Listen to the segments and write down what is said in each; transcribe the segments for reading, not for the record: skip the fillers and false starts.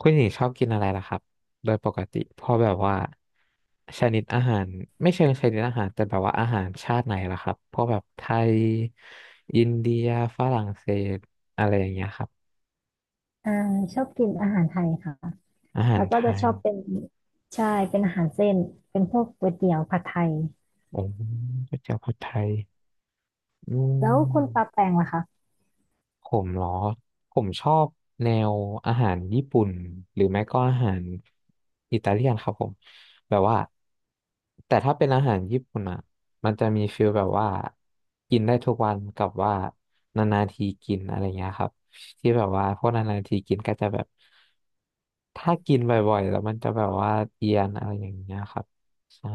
คุณหญิงชอบกินอะไรล่ะครับโดยปกติพอแบบว่าชนิดอาหารไม่เชิงชนิดอาหารแต่แบบว่าอาหารชาติไหนล่ะครับพวกแบบไทยอินเดียฝรั่งเศสอะไรอย่างเงี้ยครับอ่าชอบกินอาหารไทยค่ะอาหาแล้รวก็ไทจะชยอบเป็นใช่เป็นอาหารเส้นเป็นพวกก๋วยเตี๋ยวผัดไทยโอ้ก๋วยเตี๋ยวผัดไทยอืแล้วคุณปาม แปงล่ะคะผมเหรอผมชอบแนวอาหารญี่ปุ่นหรือไม่ก็อาหารอิตาเลียนครับผมแบบว่าแต่ถ้าเป็นอาหารญี่ปุ่นอ่ะมันจะมีฟีลแบบว่ากินได้ทุกวันกับว่านานๆทีกินอะไรเงี้ยครับที่แบบว่าพวกนานๆทีกินก็จะแบบถ้ากินบ่อยๆแล้วมันจะแบบว่าเอียนอะไรอย่างเงี้ยครับใช่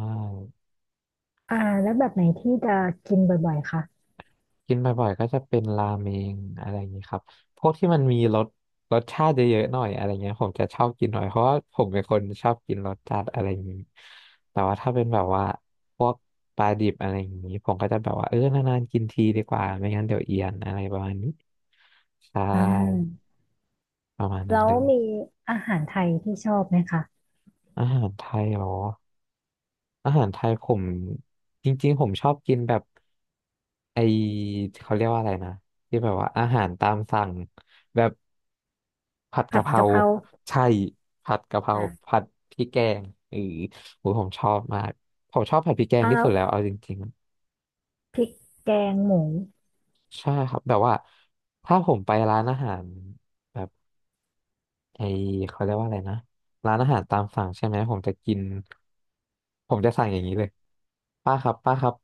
อ่าแล้วแบบไหนที่จะกินบ่อยๆคะกินบ่อยๆก็จะเป็นราเมงอะไรอย่างนี้ครับพวกที่มันมีรสชาติเยอะๆหน่อยอะไรเงี้ยผมจะชอบกินหน่อยเพราะว่าผมเป็นคนชอบกินรสจัดอะไรอย่างนี้แต่ว่าถ้าเป็นแบบว่าพวกปลาดิบอะไรอย่างนี้ผมก็จะแบบว่าเออนานๆกินทีดีกว่าไม่งั้นเดี๋ยวเอียนอะไรประมาณนี้ใช่อ่าประมาณนั้แล้นวเลยมีอาหารไทยที่ชอบไหมคะอาหารไทยเหรอ อาหารไทยผมจริงๆผมชอบกินแบบไอเขาเรียกว่าอะไรนะที่แบบว่าอาหารตามสั่งแบบผัดผักะดเพรากะเพราใช่ผัดกะเพราอ่าผัดพริกแกงเออโหผมชอบมากผมชอบผัดพริกแกงที่แล้สุวดแล้วเอาจริงพริกแกงหมูๆใช่ครับแบบว่าถ้าผมไปร้านอาหารแบบไอเขาเรียกว่าอะไรนะร้านอาหารตามสั่งใช่ไหมผมจะกินผมจะสั่งอย่างนี้เลยป้าครับ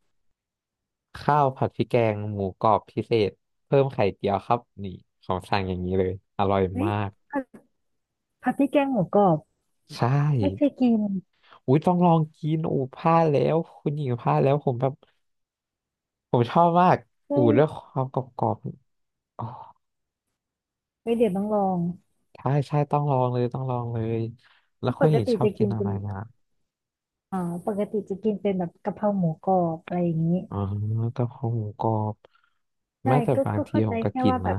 ข้าวผัดพริกแกงหมูกรอบพิเศษเพิ่มไข่เจียวครับนี่ของสั่งอย่างนี้เลยอร่อยเฮ้ยมากผัดพริกแกงหมูกรอบใช่ไม่เคยกินอุ้ยต้องลองกินอูพลาดแล้วคุณหญิงพลาดแล้วผมแบบผมชอบมากเฮ้อูยเรื่องความกรอบๆอ๋อเฮ้ยเดี๋ยวต้องลองใช่ต้องลองเลยต้องลองเลยแล้วปคุณหกญิงติชอบจะกิกินนอะเป็ไรนนะอ่าปกติจะกินเป็นแบบกะเพราหมูกรอบอะไรอย่างนี้ อ๋อกะเพราหมูกรอบแม้ใช่แต่ก็บางก็ทีเข้าผใจมก็แค่กินว่าแบนะบ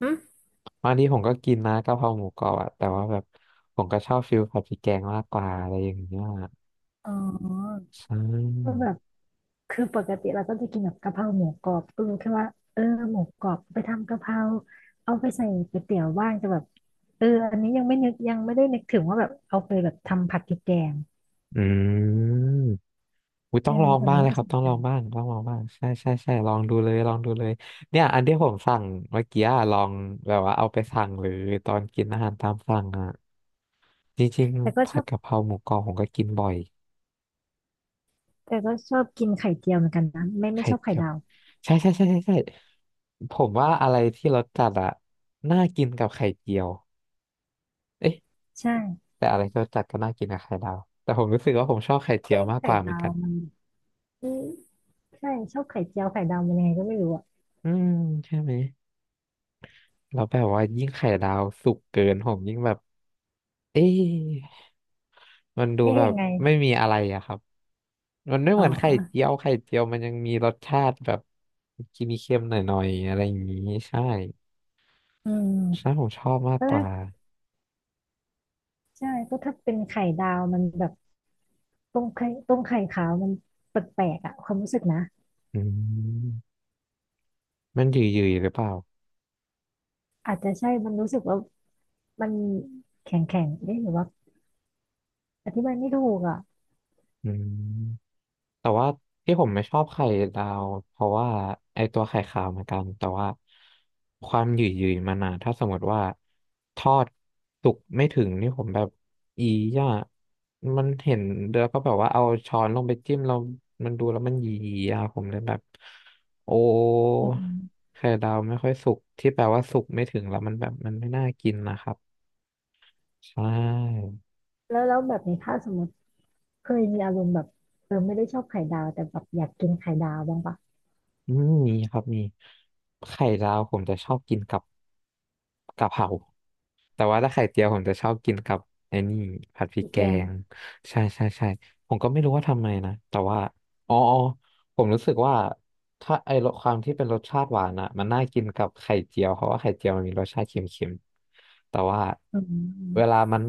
หึบางทีผมก็กินนะกะเพราหมูกรอบอะแต่ว่าแบบผมก็ชอบฟิลผัดพริกแกงมากกว่าอะไรอย่างเงี้ยอ๋อใช่ ก็แบบคือปกติเราก็จะกินแบบกะเพราหมูกรอบก็รู้แค่ว่าเออหมูกรอบไปทำกะเพราเอาไปใส่ก๋วยเตี๋ยวบ้างจะแบบเอออันนี้ยังไม่นึกยังไม่ได้นึกถึงว่าแบบเอาไปแบบทำผัดพริกแกงอืมอุยต้เออองลองแต่บ้ามังนเลยน่าครัสบ นต้องใจลองบ้างต้องลองบ้าง ใช่ลองดูเลย ลองดูเลย เนี่ย อันที่ผมสั่งเมื่อกี้อะลอง แบบว่าเอาไปสั่งหรือตอนกินอาหารตามสั่งอ่ะจริงแต่ก็ๆชผัอดบกะเพราหมูกรอบผมก็กินบ่อย แต่ก็ชอบกินไข่เจียวเหมือนกันนะไม่ไข่ชอบไข่เจียวดาวใช่ผมว่าอะไรที่รสจัดอ่ะน่ากินกับไข่เจียวเอ๊ะใช่แต่อะไรที่รสจัดก็น่ากินกับไข่ดาวแต่ผมรู้สึกว่าผมชอบไข่เจียไม่วมากกไข่ว่าเหมือนดาวกันมันอืมใช่ชอบไข่เจียวไข่ดาวมันยังไงก็ไม่รู้อะอืมใช่ไหมแล้วแบบว่ายิ่งไข่ดาวสุกเกินผมยิ่งแบบ เอ๊ะมันดูเอ๊ะแบยับงไงไม่มีอะไรอะครับ มันไม่อ๋เหอมือนไข่เจียวไข่เจียวมันยังมีรสชาติแบบกินเค็มหน่อยๆอะไรอย่างนี้ใช่อืใช่ม ผมชอบมากกว่าใช่ก็ถ้าเป็นไข่ดาวมันแบบต้มไข่ขาวมันแปลกๆอ่ะความรู้สึกนะอืมมันหยืดๆหรือเปล่าอาจจะใช่มันรู้สึกว่ามันแข็งแข็งได้หรือว่าอธิบายไม่ถูกอ่ะอืม แต่ว่าที่ผมไม่ชอบไข่ดาวเพราะว่าไอตัวไข่ขาวเหมือนกันแต่ว่าความหยืดๆมันอะถ้าสมมติว่าทอดสุกไม่ถึงนี่ผมแบบอีย่ามันเห็นแล้วก็แบบว่าเอาช้อนลงไปจิ้มเรามันดูแล้วมันหยีๆอะผมเลยแบบโอ้อืมไข่ดาวไม่ค่อยสุกที่แปลว่าสุกไม่ถึงแล้วมันแบบมันไม่น่ากินนะครับใช่แล้วแบบนี้ถ้าสมมติเคยมีอารมณ์แบบเออไม่ได้ชอบไข่ดาวแต่แบบอยากกินไข่ดาวบ้างปะอืมมีครับมีไข่ดาวผมจะชอบกินกับกะเพรา แต่ว่าถ้าไข่เจียวผมจะชอบกินกับไอ้นี่ผัดพริกพี่แกแกงงใช่ผมก็ไม่รู้ว่าทำไมนะแต่ว่าอ๋อผมรู้สึกว่าถ้าไอ้รสความที่เป็นรสชาติหวานอ่ะมันน่ากินกับไข่เจียวเพราะว่าไข่เจียวมันมีรสชาติเค็มๆแต่ว่าอืเวลามมัน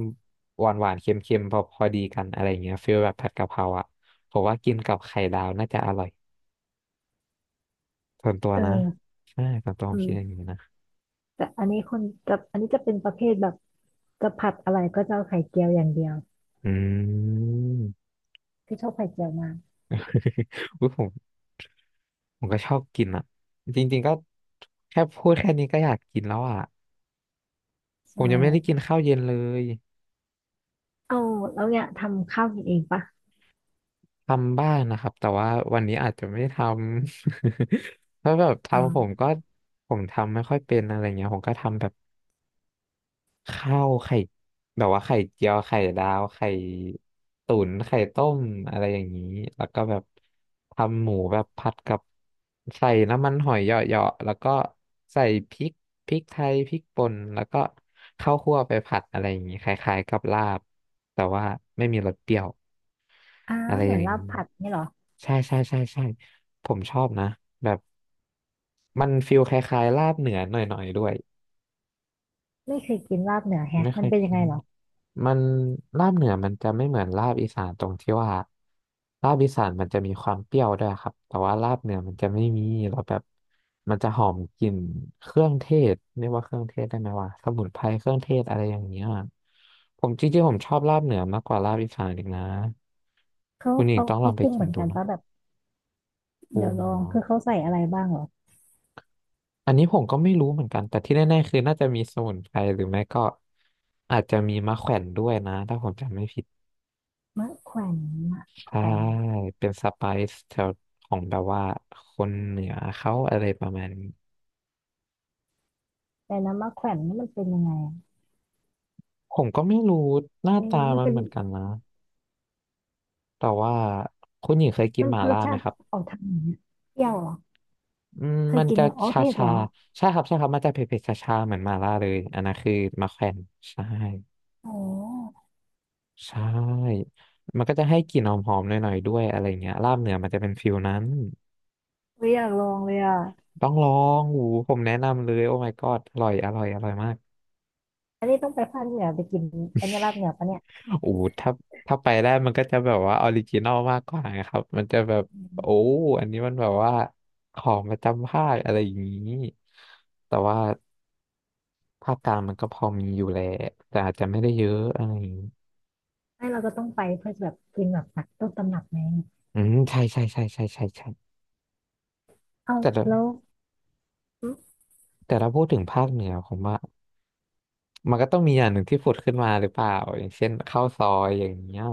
หวานหวานเค็มๆพอดีกันอะไรอย่างเงี้ยฟีลแบบผัดกะเพราอ่ะผมว่ากินกับไข่ดาวน่าจะอร่อยส่วนตัวเนะออใช่ส่วนตัวผมอืคิดอย่างมนี้นะแต่อันนี้คนอันนี้จะเป็นประเภทแบบจะผัดอะไรก็จะเอาไข่เจียวอย่างเดียวอืม คือชอบไข่เจียวมาก อุ๊ยผม ผมก็ชอบกินอ่ะจริงๆก็แค่พูดแค่นี้ก็อยากกินแล้วอ่ะผใช่มยังไม่ได้กินข้าวเย็นเลยเอาแล้วเนี่ยทำข้าวกินเองปะทำบ้างนะครับแต่ว่าวันนี้อาจจะไม่ได้ทำ เพราะแบบอ๋ทำผมอ ก็ผมทำไม่ค่อยเป็นอะไรเงี้ยผมก็ทำแบบ ข้าวไข่แบบว่าไข่เจียวไข่ดาวไข่ตุ๋นไข่ต้มอะไรอย่างนี้แล้วก็แบบทำหมูแบบผัดกับใส่น้ำมันหอยเหยาะๆแล้วก็ใส่พริกพริกไทยพริกป่นแล้วก็ข้าวคั่วไปผัดอะไรอย่างนี้คล้ายๆกับลาบแต่ว่าไม่มีรสเปรี้ยวอ่าอะไรเหอมือย่านงลาบนี้ผัดนี่เหรอใช่ใช่ใช่ใช่ผมชอบนะแบบมันฟิลคล้ายๆลาบเหนือหน่อยๆด้วยไม่เคยกินลาบเหนือแฮะไม่เคมันยเป็นกิยัน งไงเหรอมันลาบเหนือมันจะไม่เหมือนลาบอีสานตรงที่ว่าลาบอีสานมันจะมีความเปรี้ยวด้วยครับแต่ว่าลาบเหนือมันจะไม่มีเราแล้วแบบมันจะหอมกลิ่นเครื่องเทศเรียกว่าเครื่องเทศได้ไหมว่าสมุนไพรเครื่องเทศอะไรอย่างเงี้ยจริงๆผมชอบลาบเหนือมากกว่าลาบอีสานอีกนะเขาคุณหญิงเขาต้องลเขาองไปปรุงกิเหนมือนดูกันนะปะแบบปรุเดี๋ยวงลอเหรงคือเขาใส่อะไรบ้างเหรอออันนี้ผมก็ไม่รู้เหมือนกันแต่ที่แน่ๆคือน่าจะมีสมุนไพรหรือไม่ก็อาจจะมีมะแขวนด้วยนะถ้าผมจำไม่ผิด มะแขวนมะแขใช่วนเป็นสไปซ์แถวของแบบว่าคนเหนือเขาอะไรประมาณนี้แต่นะมะแขวนนี่มันเป็นยังไงอะผมก็ไม่รู้หน้าตาเอ๊ะมันมันเป็นเหมือนกันนะแต่ว่าคุณหญิงเคยกินมันหม่ารล่าสไหชามติครับออกทางไหนอะเปรี้ยวเหรอเคยมันกินจะเนี่ยอ๋อชาเผ็ดชาเหรอใช่ครับใช่ครับมันจะเผ็ดๆชาชาเหมือนหม่าล่าเลยอันนั้นคือมาแขวนใช่อ๋อใช่มันก็จะให้กลิ่นหอมๆหน่อยๆด้วยอะไรเงี้ยลาบเหนือมันจะเป็นฟิลนั้นไม่อยากลองเลยอ่ะต้องลองหูผมแนะนำเลยโอ้ my god อร่อยอร่อยอร่อยมาก อันนี้ต้องไปภาคเหนือไปกินอันนี้ลาบเหนือปะเนี่ยโอ้ถ้าไปได้มันก็จะแบบว่าออริจินอลมากกว่านครับมันจะแบบอืโอ้มอันนี้มันแบบว่าของประจำภาคอะไรอย่างนี้แต่ว่าภาคกลางมันก็พอมีอยู่แหละแต่อาจจะไม่ได้เยอะอะไรอย่างนี้ไม่เราก็ต้องไปเพื่อจะแบบกินแบบตักต้นตำรับไงใช่ใช่ใช่ใช่ใช่ใช่เอาแต่ละแล้วแต่ถ้าพูดถึงภาคเหนือผมว่ามันก็ต้องมีอย่างหนึ่งที่ผุดขึ้นมาหรือเปล่าอย่างเช่นข้าวซอยอย่างเงี้ย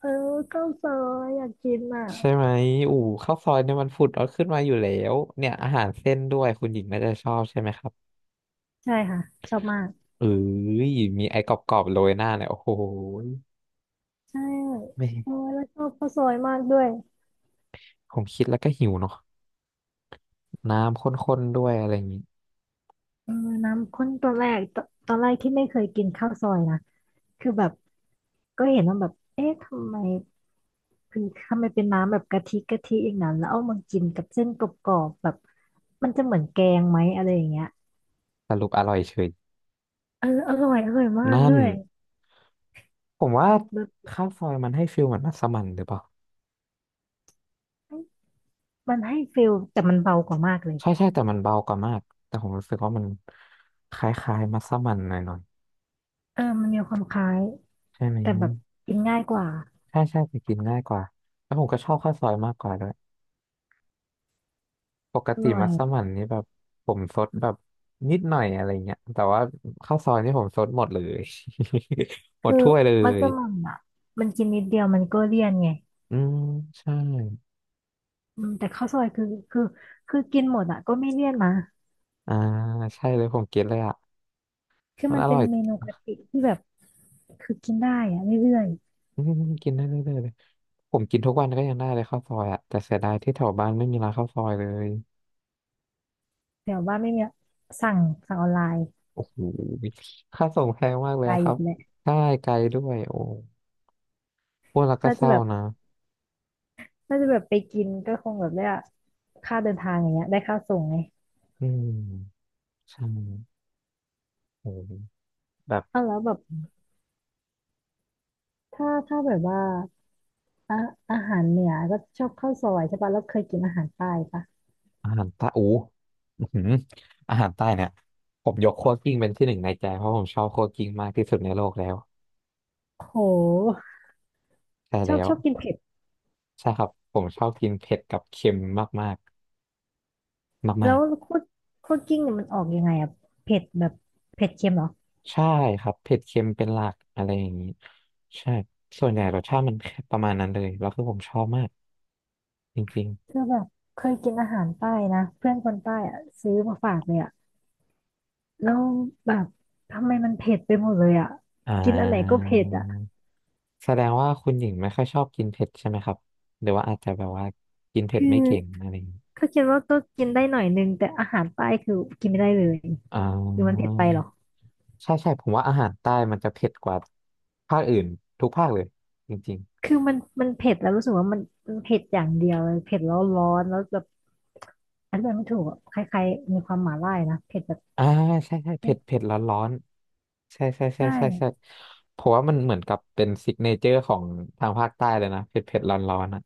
เออข้าวซอยอยากกินอ่ะ ใช่ไหมอู๋ข้าวซอยเนี่ยมันผุดเอาขึ้นมาอยู่แล้วเนี่ยอาหารเส้นด้วยคุณหญิงน่าจะชอบใช่ไหมครับ ใช่ค่ะชอบมากเอ้ยมีไอ้กรอบๆโรยหน้าเนี่ยโอ้โหใช่ไม่เออแล้วชอบข้าวซอยมากด้วยผมคิดแล้วก็หิวเนาะน้ำข้นๆด้วยอะไรอย่างนี้เออน้ำข้นตอนแรกตอนแรกที่ไม่เคยกินข้าวซอยนะคือแบบก็เห็นว่าแบบเอ๊ะทำไมคือทำไมเป็นน้ำแบบกะทิอย่างนั้นแล้วเอามากินกับเส้นกรอบๆแบบมันจะเหมือนแกงไหมอะไรอย่างเงี้ยสรุปอร่อยเฉยเอออร่อยมากนั่ด้นวยผมว่าแบบข้าวซอยมันให้ฟิลเหมือนมัสมั่นหรือเปล่ามันให้ฟิลแต่มันเบากว่ามากเลยใช่ใช่แต่มันเบากว่ามากแต่ผมรู้สึกว่ามันคล้ายๆมัสมั่นหน่อยเออมันมีความคล้ายๆใช่ไหมแต่แบบกินง่ายกว่าใช่ใช่แต่กินง่ายกว่าแล้วผมก็ชอบข้าวซอยมากกว่าด้วย ปกอติร่อมัย สมั่นนี่แบบผมซดแบบนิดหน่อยอะไรเงี้ยแต่ว่าข้าวซอยนี่ผมซดหมดเลย หมดคือถ้วยเลมัสยมั่นอ่ะมันกินนิดเดียวมันก็เลี่ยนไงอืมใช่อืมแต่ข้าวซอยคือคือกินหมดอ่ะก็ไม่เลี่ยนนะอ่าใช่เลยผมกินเลยอ่ะคือมันมันอเป็ร่นอยเมนูกะทิที่แบบคือกินได้อ่ะเรื่อยอืมกินได้เรื่อยๆเลยผมกินทุกวันก็ยังได้เลยข้าวซอยอ่ะแต่เสียดายที่แถวบ้านไม่มีร้านข้าวซอยเลยๆแต่ว่าไม่มีสั่งสั่งออนไลน์โอ้โหค่าส่งแพงมากเลไกยลอะครัอีบกแหละใช่ไกลด้วยโอ้พูดแล้วก็น่าเศจะร้าแบบนะน่าจะแบบไปกินก็คงแบบได้ค่าเดินทางอย่างเงี้ยได้ค่าส่งไงอืมใช่โอ้แบบ เอาแล้วแบบถ้าแบบว่าอะอาหารเหนือก็ชอบข้าวซอยใช่ปะแล้วเคยกินอาหารใต้ปะอาหารใต้อู้อื้อหืออาหารใต้เนี่ยผมยกคั่วกลิ้งเป็นที่หนึ่งในใจเพราะผมชอบคั่วกลิ้งมากที่สุดในโลกแล้วโหใช่ชอแล้บวชอบกินเผ็ด ใช่ครับผมชอบกินเผ็ดกับเค็มมากมากมากมาแล้กวคั่วคั่วกลิ้งเนี่ยมันออกยังไงอะเผ็ดแบบเผ็ดเค็มเหรอๆใช่ครับเผ็ดเค็มเป็นหลักอะไรอย่างนี้ใช่ส่วนใหญ่รสชาติมันแค่ประมาณนั้นเลยแล้วคือผมชอบมากจริงคือแบบเคยกินอาหารใต้นะเพื่อนคนใต้อะซื้อมาฝากเลยอะแล้วแบบทำไมมันเผ็ดไปหมดเลยอะๆกินอันไหนก็เผ็ดอะแสดงว่าคุณหญิงไม่ค่อยชอบกินเผ็ดใช่ไหมครับหรือว่าอาจจะแบบว่ากินเผ็ดคืไม่อเก่งอะไรอย่างนี้ก็คิดว่าก็กินได้หน่อยนึงแต่อาหารใต้คือกินไม่ได้เลยอ่า หรือมันเผ็ดไปเหรอใช่ใช่ผมว่าอาหารใต้มันจะเผ็ดกว่าภาคอื่นทุกภาคเลยจริงคือมันเผ็ดแล้วรู้สึกว่ามันเผ็ดอย่างเดียวเลยเผ็ดแล้วร้อนแล้วแบบอันนี้มันไม่ถูกอะคล้ายๆมีความหม่าล่านะเผ็ดแบบๆใช่ใช่เผ็ดเผ็ดร้อนร้อนใช่ใช่ใช่ใช่ใช่ใช่เพราะว่ามันเหมือนกับเป็นซิกเนเจอร์ของทางภาคใต้เลยนะเผ็ดเผ็ดร้อนร้อนอ่ะ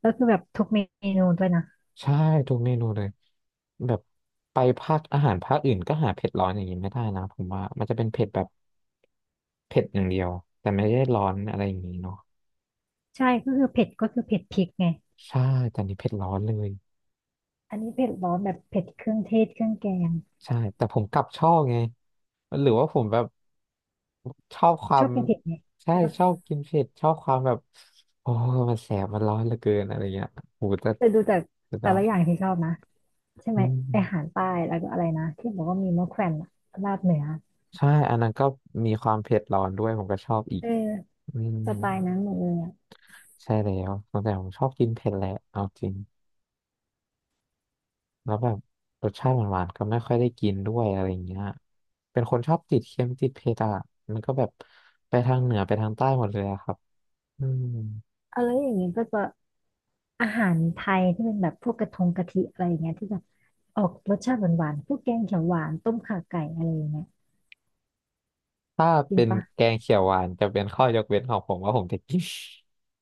แล้วคือแบบทุกเมนูด้วยนะ ใช่ทุกเมนูเลยแบบไปภาคอาหารภาคอื่นก็หาเผ็ดร้อนอย่างนี้ไม่ได้นะผมว่ามันจะเป็นเผ็ดแบบเผ็ดอย่างเดียวแต่ไม่ได้ร้อนอะไรอย่างนี้เนาะใช่ก็คือเผ็ดก็คือเผ็ดพริกไงใช่แต่อันนี้เผ็ดร้อนเลย อันนี้เผ็ดร้อนแบบเผ็ดเครื่องเทศเครื่องแกงใช่แต่ผมกลับชอบไงหรือว่าผมแบบชอบควาชอมบกินเผ็ดไหมใช่ใช่ปะชอบกินเผ็ดชอบความแบบโอ้มันแสบมันร้อนเหลือเกินอะไรเงี้ยโหแต่แต่ดูจากสุดยแต่อละอย่าดงที่ชอบนะใช่ไหอืมไออาหารมใต้แล้วก็อะไรนะที่บอกว่ามีมะแขวนอะลาบเหนือใช่อันนั้นก็มีความเผ็ดร้อนด้วยผมก็ชอบอีกเอออืมสไตล์นั้นหมดเลยอะใช่แล้วตั้งแต่ผมชอบกินเผ็ดแหละเอาจริงแล้วแบบรสชาติหวานๆก็ไม่ค่อยได้กินด้วยอะไรเงี้ยเป็นคนชอบติดเค็มติดเผ็ดอ่ะมันก็แบบไปทางเหนือไปทางใต้หมดเลยอะครับอืม อะไรอย่างนงี้ก็จะอาหารไทยที่เป็นแบบพวกกระทงกะทิอะไรอย่างเงี้ยที่แบบออกรสชาติหวานๆพวกแกงเขียวหวานต้มข่าไก่อะไรอย่างเงี้ยถ้ากินเป็นปะแกงเขียวหวานจะเป็นข้อยกเว้นของผมว่าผมจะกิน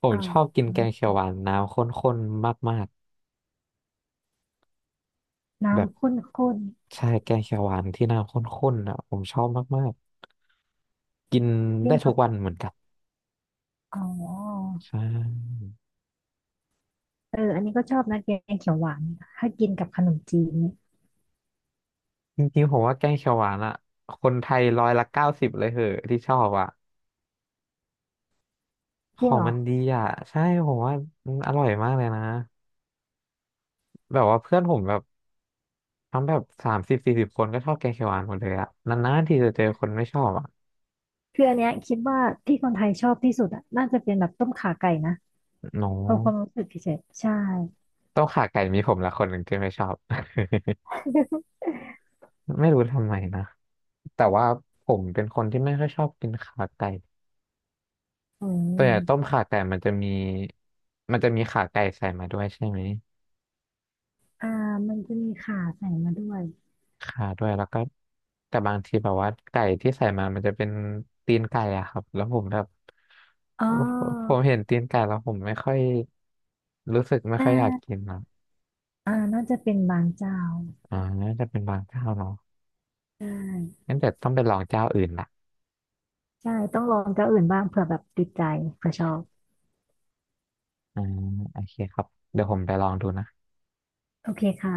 ผมอ้าวชอบกินแกงเขียวหวานน้ำข้นๆมากๆแบบน้ำข้นใช่แกงเขียวหวานที่น้ำข้นๆอ่ะผมชอบมากๆกินๆกิได้นทุกักบวันเหมือนกันอ๋อ ใช่เอออันนี้ก็ชอบนะแกงเขียวหวาน ถ้ากินกับขนมจีนนี่จริงๆผมว่าแกงเขียวหวานอ่ะคนไทยร้อยละเก้าสิบเลยเหอะที่ชอบอ่ะขจริองงเหรอมันดีอ่ะใช่ผมว่ามันอร่อยมากเลยนะแบบว่าเพื่อนผมแบบทั้งแบบ30-40คนก็ชอบแกงเขียวหวานหมดเลยอ่ะนานๆที่จะเจอคนไม่ชอบอ่ะคืออันเนี้ยคิดว่าที่คนไทยชอบที่สุดอะน่าจะเป็นแบบต้มข่าไก่นะเนาะ ความความรู้สึกเฉยๆใช่ต้มข่าไก่มีผมละคนหนึ่งที่ไม่ชอบ ไม่รู้ทำไมนะแต่ว่าผมเป็นคนที่ไม่ค่อยชอบกินขาไก่อืตัวอย่างต้มมขาไก่มันจะมีขาไก่ใส่มาด้วยใช่ไหม อ่ามันจะมีข่าใส่มาด้วยขาด้วยแล้วก็แต่บางทีแบบว่าไก่ที่ใส่มามันจะเป็นตีนไก่อะครับแล้วผมแบบอ๋อผมเห็นตีนไก่แล้วผมไม่ค่อยรู้สึกไม่ค่น่าอยอยากกินนะน่าจะเป็นบางเจ้า อ่าน่าจะเป็นบางเจ้าเนาะใช่งั้นเดี๋ยวต้องไปลองเจ้าอื่นละใช่ต้องลองเจ้าอื่นบ้างเผื่อแบบติดใจเผื่อชอบ อ่าโอเคครับเดี๋ยวผมไปลองดูนะโอเคค่ะ